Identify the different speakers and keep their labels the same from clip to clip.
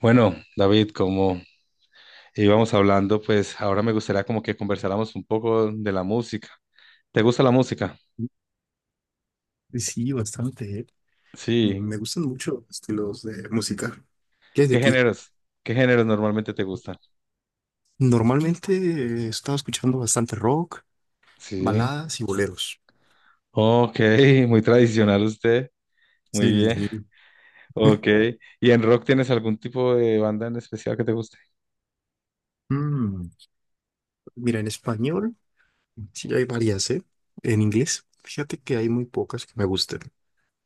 Speaker 1: Bueno, David, como íbamos hablando, pues ahora me gustaría como que conversáramos un poco de la música. ¿Te gusta la música?
Speaker 2: Sí, sí, bastante, ¿eh?
Speaker 1: Sí.
Speaker 2: Me gustan mucho los estilos de música. ¿Qué es de
Speaker 1: ¿Qué
Speaker 2: ti?
Speaker 1: géneros? ¿Qué géneros normalmente te gusta?
Speaker 2: Normalmente he estado escuchando bastante rock,
Speaker 1: Sí.
Speaker 2: baladas y boleros.
Speaker 1: Ok, muy tradicional usted. Muy
Speaker 2: Sí,
Speaker 1: bien.
Speaker 2: sí.
Speaker 1: Ok. ¿Y en rock tienes algún tipo de banda en especial que te guste?
Speaker 2: Mm, mira, en español sí hay varias, ¿eh? En inglés, fíjate que hay muy pocas que me gusten.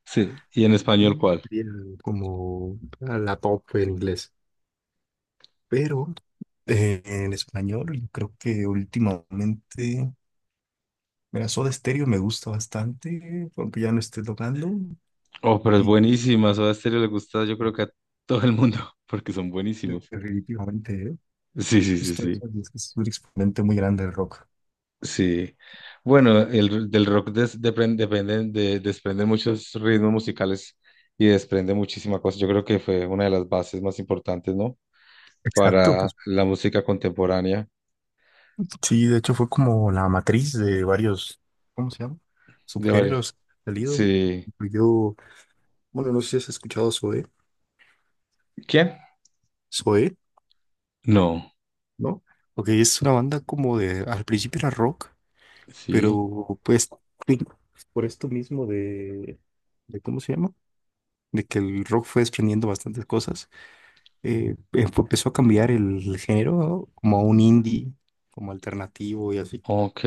Speaker 1: Sí. ¿Y en español
Speaker 2: Queen
Speaker 1: cuál?
Speaker 2: sería como la top en inglés. Pero en español, yo creo que últimamente. Mira, Soda Stereo me gusta bastante, aunque ya no esté tocando.
Speaker 1: Oh, pero es
Speaker 2: Y
Speaker 1: buenísima. Soda Stereo le gusta, yo creo que a todo el mundo, porque son buenísimos.
Speaker 2: definitivamente,
Speaker 1: Sí, sí, sí,
Speaker 2: justo
Speaker 1: sí.
Speaker 2: eso, es que es un exponente muy grande del rock.
Speaker 1: Sí. Bueno, del rock desprende muchos ritmos musicales y desprende muchísima cosa. Yo creo que fue una de las bases más importantes, ¿no?
Speaker 2: Exacto,
Speaker 1: Para
Speaker 2: pues
Speaker 1: la música contemporánea
Speaker 2: sí, de hecho fue como la matriz de varios, ¿cómo se llama?
Speaker 1: de varios.
Speaker 2: Subgéneros que han salido. Por
Speaker 1: Sí.
Speaker 2: ejemplo, yo, bueno, no sé si has escuchado Zoé,
Speaker 1: ¿Quién?
Speaker 2: Zoé,
Speaker 1: No.
Speaker 2: ¿no? Porque es una banda como de, al principio era rock,
Speaker 1: Sí.
Speaker 2: pero pues sí, por esto mismo ¿cómo se llama? De que el rock fue desprendiendo bastantes cosas. Empezó a cambiar el género, ¿no? Como a un indie, como alternativo y así.
Speaker 1: Ok.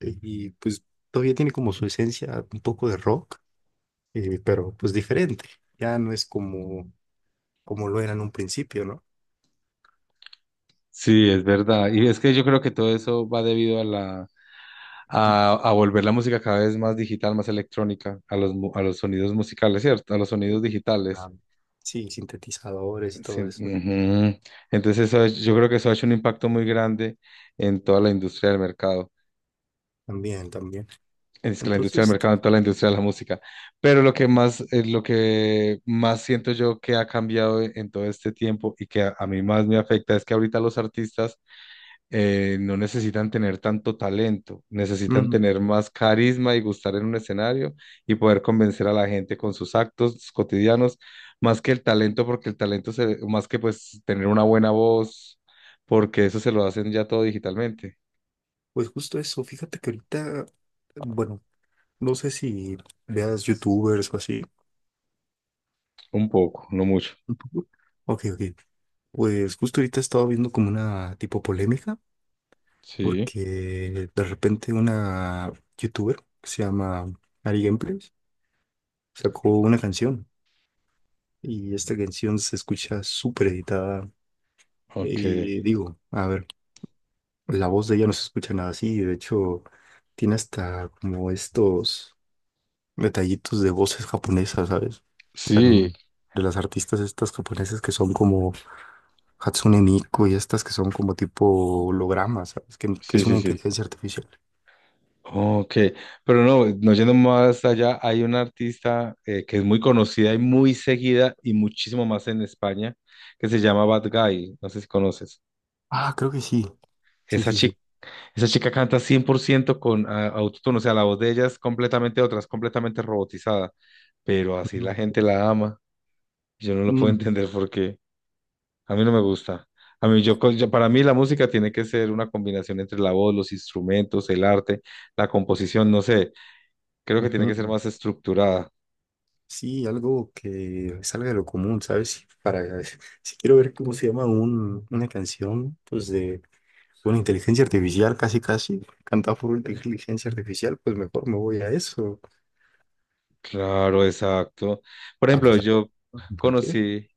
Speaker 2: Y pues todavía tiene como su esencia un poco de rock, pero pues diferente. Ya no es como, como lo era en un principio, ¿no?
Speaker 1: Sí, es verdad. Y es que yo creo que todo eso va debido a volver la música cada vez más digital, más electrónica, a a los sonidos musicales, ¿cierto? A los sonidos digitales.
Speaker 2: Ah, sí, sintetizadores y
Speaker 1: Sí,
Speaker 2: todo eso.
Speaker 1: ujú. Entonces eso, yo creo que eso ha hecho un impacto muy grande en toda la industria del mercado,
Speaker 2: También, también.
Speaker 1: en es que la industria del
Speaker 2: Entonces,
Speaker 1: mercado, en toda la industria de la música. Pero lo que más siento yo que ha cambiado en todo este tiempo y que a mí más me afecta es que ahorita los artistas no necesitan tener tanto talento, necesitan
Speaker 2: mm,
Speaker 1: tener más carisma y gustar en un escenario y poder convencer a la gente con sus actos cotidianos, más que el talento, porque el talento se, más que pues tener una buena voz, porque eso se lo hacen ya todo digitalmente,
Speaker 2: pues justo eso. Fíjate que ahorita, bueno, no sé si veas youtubers o así.
Speaker 1: un poco, no mucho.
Speaker 2: Un poco. Ok, ok. Pues justo ahorita he estado viendo como una tipo polémica,
Speaker 1: Sí,
Speaker 2: porque de repente una youtuber que se llama Ari Gameplays sacó una canción y esta canción se escucha súper editada.
Speaker 1: ok.
Speaker 2: Y digo, a ver, la voz de ella no se escucha nada así, de hecho tiene hasta como estos detallitos de voces japonesas, ¿sabes? O sea,
Speaker 1: Sí,
Speaker 2: en- de las artistas estas japonesas que son como Hatsune Miku y estas que son como tipo hologramas, ¿sabes? Que
Speaker 1: sí,
Speaker 2: es una
Speaker 1: sí, sí.
Speaker 2: inteligencia artificial.
Speaker 1: Ok, pero no, no yendo más allá, hay una artista que es muy conocida y muy seguida y muchísimo más en España, que se llama Bad Guy, no sé si conoces.
Speaker 2: Ah, creo que sí. Sí,
Speaker 1: Esa
Speaker 2: sí, sí.
Speaker 1: chica, esa chica canta 100% con autotune, o sea, la voz de ella es completamente otra, es completamente robotizada, pero así la
Speaker 2: Ujú.
Speaker 1: gente la ama. Yo no lo puedo
Speaker 2: Mm.
Speaker 1: entender porque a mí no me gusta. A mí,
Speaker 2: Sí.
Speaker 1: para mí la música tiene que ser una combinación entre la voz, los instrumentos, el arte, la composición, no sé creo que tiene que ser
Speaker 2: Ujú.
Speaker 1: más estructurada.
Speaker 2: Sí, algo que salga de lo común, ¿sabes? Para, si quiero ver cómo se llama una canción, pues de una inteligencia artificial, casi, casi, cantada por una inteligencia artificial, pues mejor me voy a eso.
Speaker 1: Claro, exacto. Por
Speaker 2: A
Speaker 1: ejemplo,
Speaker 2: pesar de compartir.
Speaker 1: conocí,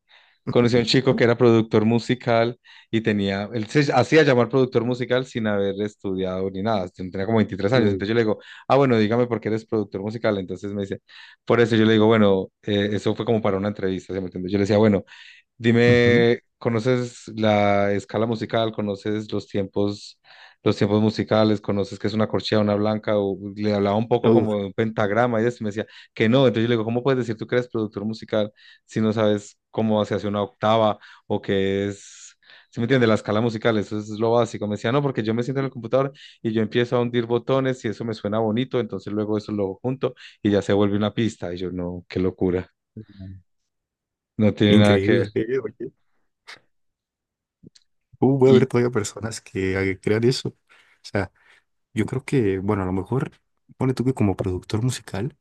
Speaker 1: conocí a un chico que era productor musical y tenía, él se hacía llamar productor musical sin haber estudiado ni nada, tenía como 23 años.
Speaker 2: Uh,
Speaker 1: Entonces yo le digo, ah, bueno, dígame por qué eres productor musical. Entonces me dice, por eso yo le digo, bueno, eso fue como para una entrevista, ¿se me entiende? Yo le decía, bueno,
Speaker 2: ujú.
Speaker 1: dime, ¿conoces la escala musical? ¿Conoces los tiempos musicales? ¿Conoces qué es una corchea, una blanca? O le hablaba un poco
Speaker 2: Uh,
Speaker 1: como de un pentagrama y eso, y me decía que no. Entonces yo le digo, ¿cómo puedes decir tú que eres productor musical si no sabes cómo se hace una octava o qué es, ¿sí me entiendes? La escala musical, eso es lo básico. Me decía, no, porque yo me siento en el computador y yo empiezo a hundir botones y eso me suena bonito, entonces luego eso lo junto y ya se vuelve una pista. Y yo, no, qué locura, no tiene nada que ver.
Speaker 2: increíble. Oye. Puede
Speaker 1: Y,
Speaker 2: haber todavía personas que crean eso. O sea, yo creo que, bueno, a lo mejor, pone tú que como productor musical,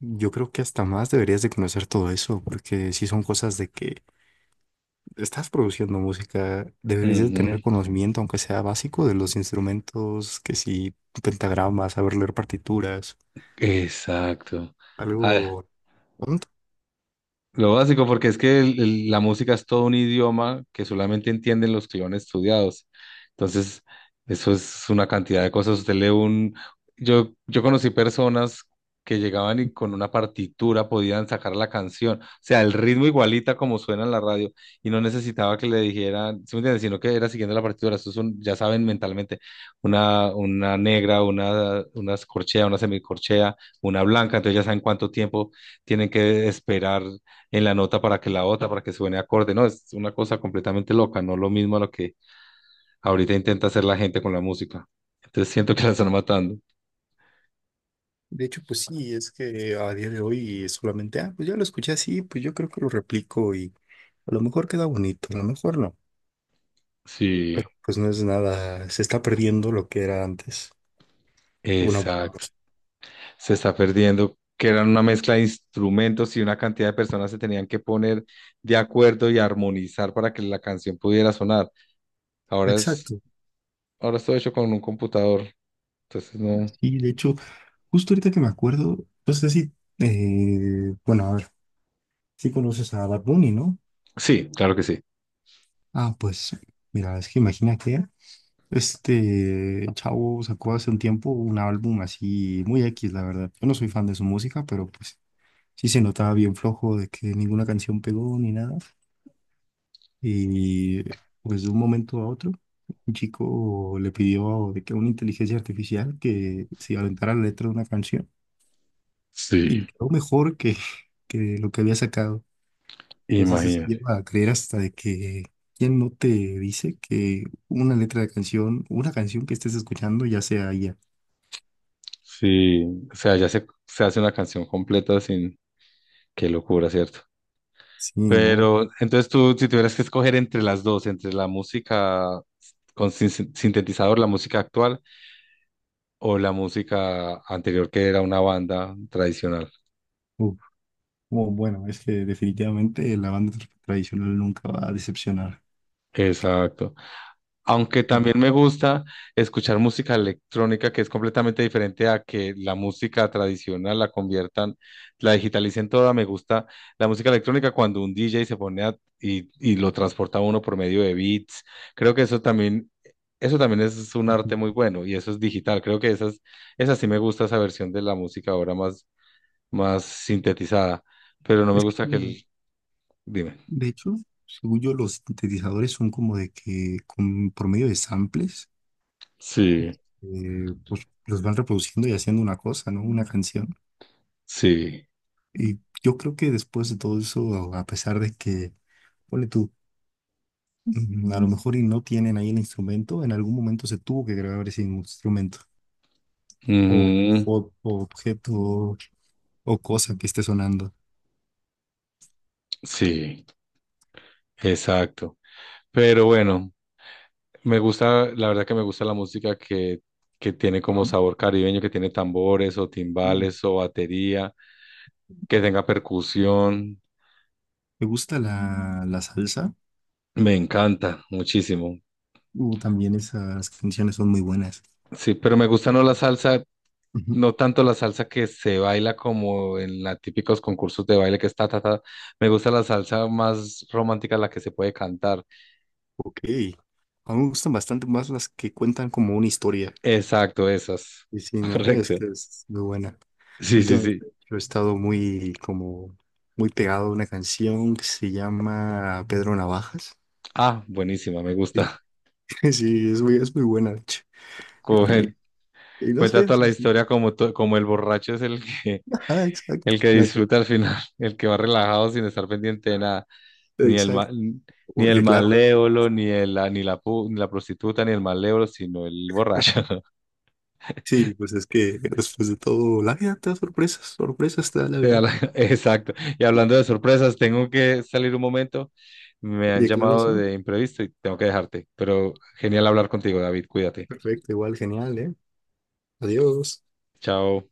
Speaker 2: yo creo que hasta más deberías de conocer todo eso, porque si son cosas de que estás produciendo música, deberías de
Speaker 1: ujú.
Speaker 2: tener conocimiento, aunque sea básico, de los instrumentos, que si pentagramas, saber leer partituras,
Speaker 1: Exacto. A
Speaker 2: algo, un.
Speaker 1: lo básico, porque es que la música es todo un idioma que solamente entienden los que lo han estudiado. Entonces, eso es una cantidad de cosas. Usted lee un... Yo conocí personas que llegaban y con una partitura podían sacar la canción. O sea, el ritmo igualita como suena en la radio. Y no necesitaba que le dijeran, ¿sí me entiendes? Sino que era siguiendo la partitura. Eso es un- ya saben mentalmente, una negra, una corchea, una semicorchea, una blanca. Entonces ya saben cuánto tiempo tienen que esperar en la nota para que la otra, para que suene acorde, no, es una cosa completamente loca, no lo mismo a lo que ahorita intenta hacer la gente con la música. Entonces siento que la están matando.
Speaker 2: De hecho, pues sí, es que a día de hoy es solamente, ah, pues ya lo escuché así, pues yo creo que lo replico y a lo mejor queda bonito, a lo mejor no,
Speaker 1: Sí,
Speaker 2: pero pues no es nada, se está perdiendo lo que era antes, una buena
Speaker 1: exacto.
Speaker 2: música.
Speaker 1: Se está perdiendo, que eran una mezcla de instrumentos y una cantidad de personas se tenían que poner de acuerdo y armonizar para que la canción pudiera sonar. Ahora es,
Speaker 2: Exacto.
Speaker 1: ahora es todo hecho con un computador. Entonces no.
Speaker 2: Y de hecho, justo ahorita que me acuerdo, no sé si, bueno, a ver, si conoces a Bad Bunny, ¿no?
Speaker 1: Sí, claro que sí.
Speaker 2: Ah, pues, mira, es que imagina que este chavo sacó hace un tiempo un álbum así muy X, la verdad. Yo no soy fan de su música, pero pues sí se notaba bien flojo de que ninguna canción pegó ni nada. Y pues de un momento a otro, un chico le pidió de que una inteligencia artificial que se aventara la letra de una canción y
Speaker 1: Sí,
Speaker 2: quedó mejor que, que lo que había sacado. Entonces eso
Speaker 1: imagínate.
Speaker 2: lleva a creer hasta de que quién no te dice que una letra de canción, una canción que estés escuchando ya sea ella.
Speaker 1: Sí, o sea, ya se hace una canción completa sin, qué locura, ¿cierto?
Speaker 2: Sí, ¿no?
Speaker 1: Pero entonces tú, si tuvieras que escoger entre las dos, entre la música con sintetizador, la música actual o la música anterior que era una banda tradicional.
Speaker 2: Uf. Oh, bueno, es que definitivamente la banda tradicional nunca va a decepcionar.
Speaker 1: Exacto. Aunque también me gusta escuchar música electrónica que es completamente diferente a que la música tradicional la conviertan, la digitalicen toda. Me gusta la música electrónica cuando un DJ se pone y lo transporta a uno por medio de beats. Creo que eso también es un arte muy bueno y eso es digital. Creo que esas, esa sí me gusta esa versión de la música ahora más, más sintetizada, pero no me
Speaker 2: Es que
Speaker 1: gusta que el, dime.
Speaker 2: de hecho, según yo, los sintetizadores son como de que con, por medio de samples,
Speaker 1: Sí,
Speaker 2: pues los van reproduciendo y haciendo una cosa, ¿no? Una canción.
Speaker 1: sí.
Speaker 2: Y yo creo que después de todo eso, a pesar de que, ponle tú, mm, a lo mejor y no tienen ahí el instrumento, en algún momento se tuvo que grabar ese instrumento o,
Speaker 1: Ujú,
Speaker 2: o objeto o, cosa que esté sonando.
Speaker 1: sí, exacto. Pero bueno, me gusta, la verdad que me gusta la música que tiene como
Speaker 2: Ujú.
Speaker 1: sabor caribeño, que tiene tambores o
Speaker 2: Uh,
Speaker 1: timbales o batería, que tenga percusión.
Speaker 2: Me gusta la salsa.
Speaker 1: Me encanta muchísimo.
Speaker 2: También esas canciones son muy buenas.
Speaker 1: Sí, pero me gusta no la salsa,
Speaker 2: Ujú.
Speaker 1: no tanto la salsa que se baila como en los típicos concursos de baile que está, ta, ta. Me gusta la salsa más romántica, la que se puede cantar.
Speaker 2: Ok. A mí me gustan bastante más las que cuentan como una historia.
Speaker 1: Exacto, esas.
Speaker 2: Y sí, no, es
Speaker 1: Correcto.
Speaker 2: que es muy buena.
Speaker 1: Sí, sí, sí.
Speaker 2: Últimamente yo he estado muy, como, muy pegado a una canción que se llama Pedro Navajas.
Speaker 1: Ah, buenísima, me
Speaker 2: Sí,
Speaker 1: gusta.
Speaker 2: sí, es muy buena, de hecho.
Speaker 1: Como
Speaker 2: Y, y no
Speaker 1: cuenta
Speaker 2: sé, o
Speaker 1: toda la
Speaker 2: sea, sí.
Speaker 1: historia como, como el borracho es
Speaker 2: Ajá, exacto.
Speaker 1: el que disfruta al final, el que va relajado sin estar pendiente de nada, ni el, ma-
Speaker 2: Exacto.
Speaker 1: ni el
Speaker 2: Porque claro,
Speaker 1: malévolo, ni, el, la- ni, la, pu- ni la prostituta, ni el malévolo, sino el borracho.
Speaker 2: sí, pues es que después de todo, la vida te da sorpresas, sorpresas te da la vida.
Speaker 1: Exacto. Y hablando de sorpresas, tengo que salir un momento. Me han
Speaker 2: Oye, claro,
Speaker 1: llamado
Speaker 2: sí.
Speaker 1: de imprevisto y tengo que dejarte. Pero genial hablar contigo, David. Cuídate.
Speaker 2: Perfecto, igual, genial, ¿eh? Adiós.
Speaker 1: Chao.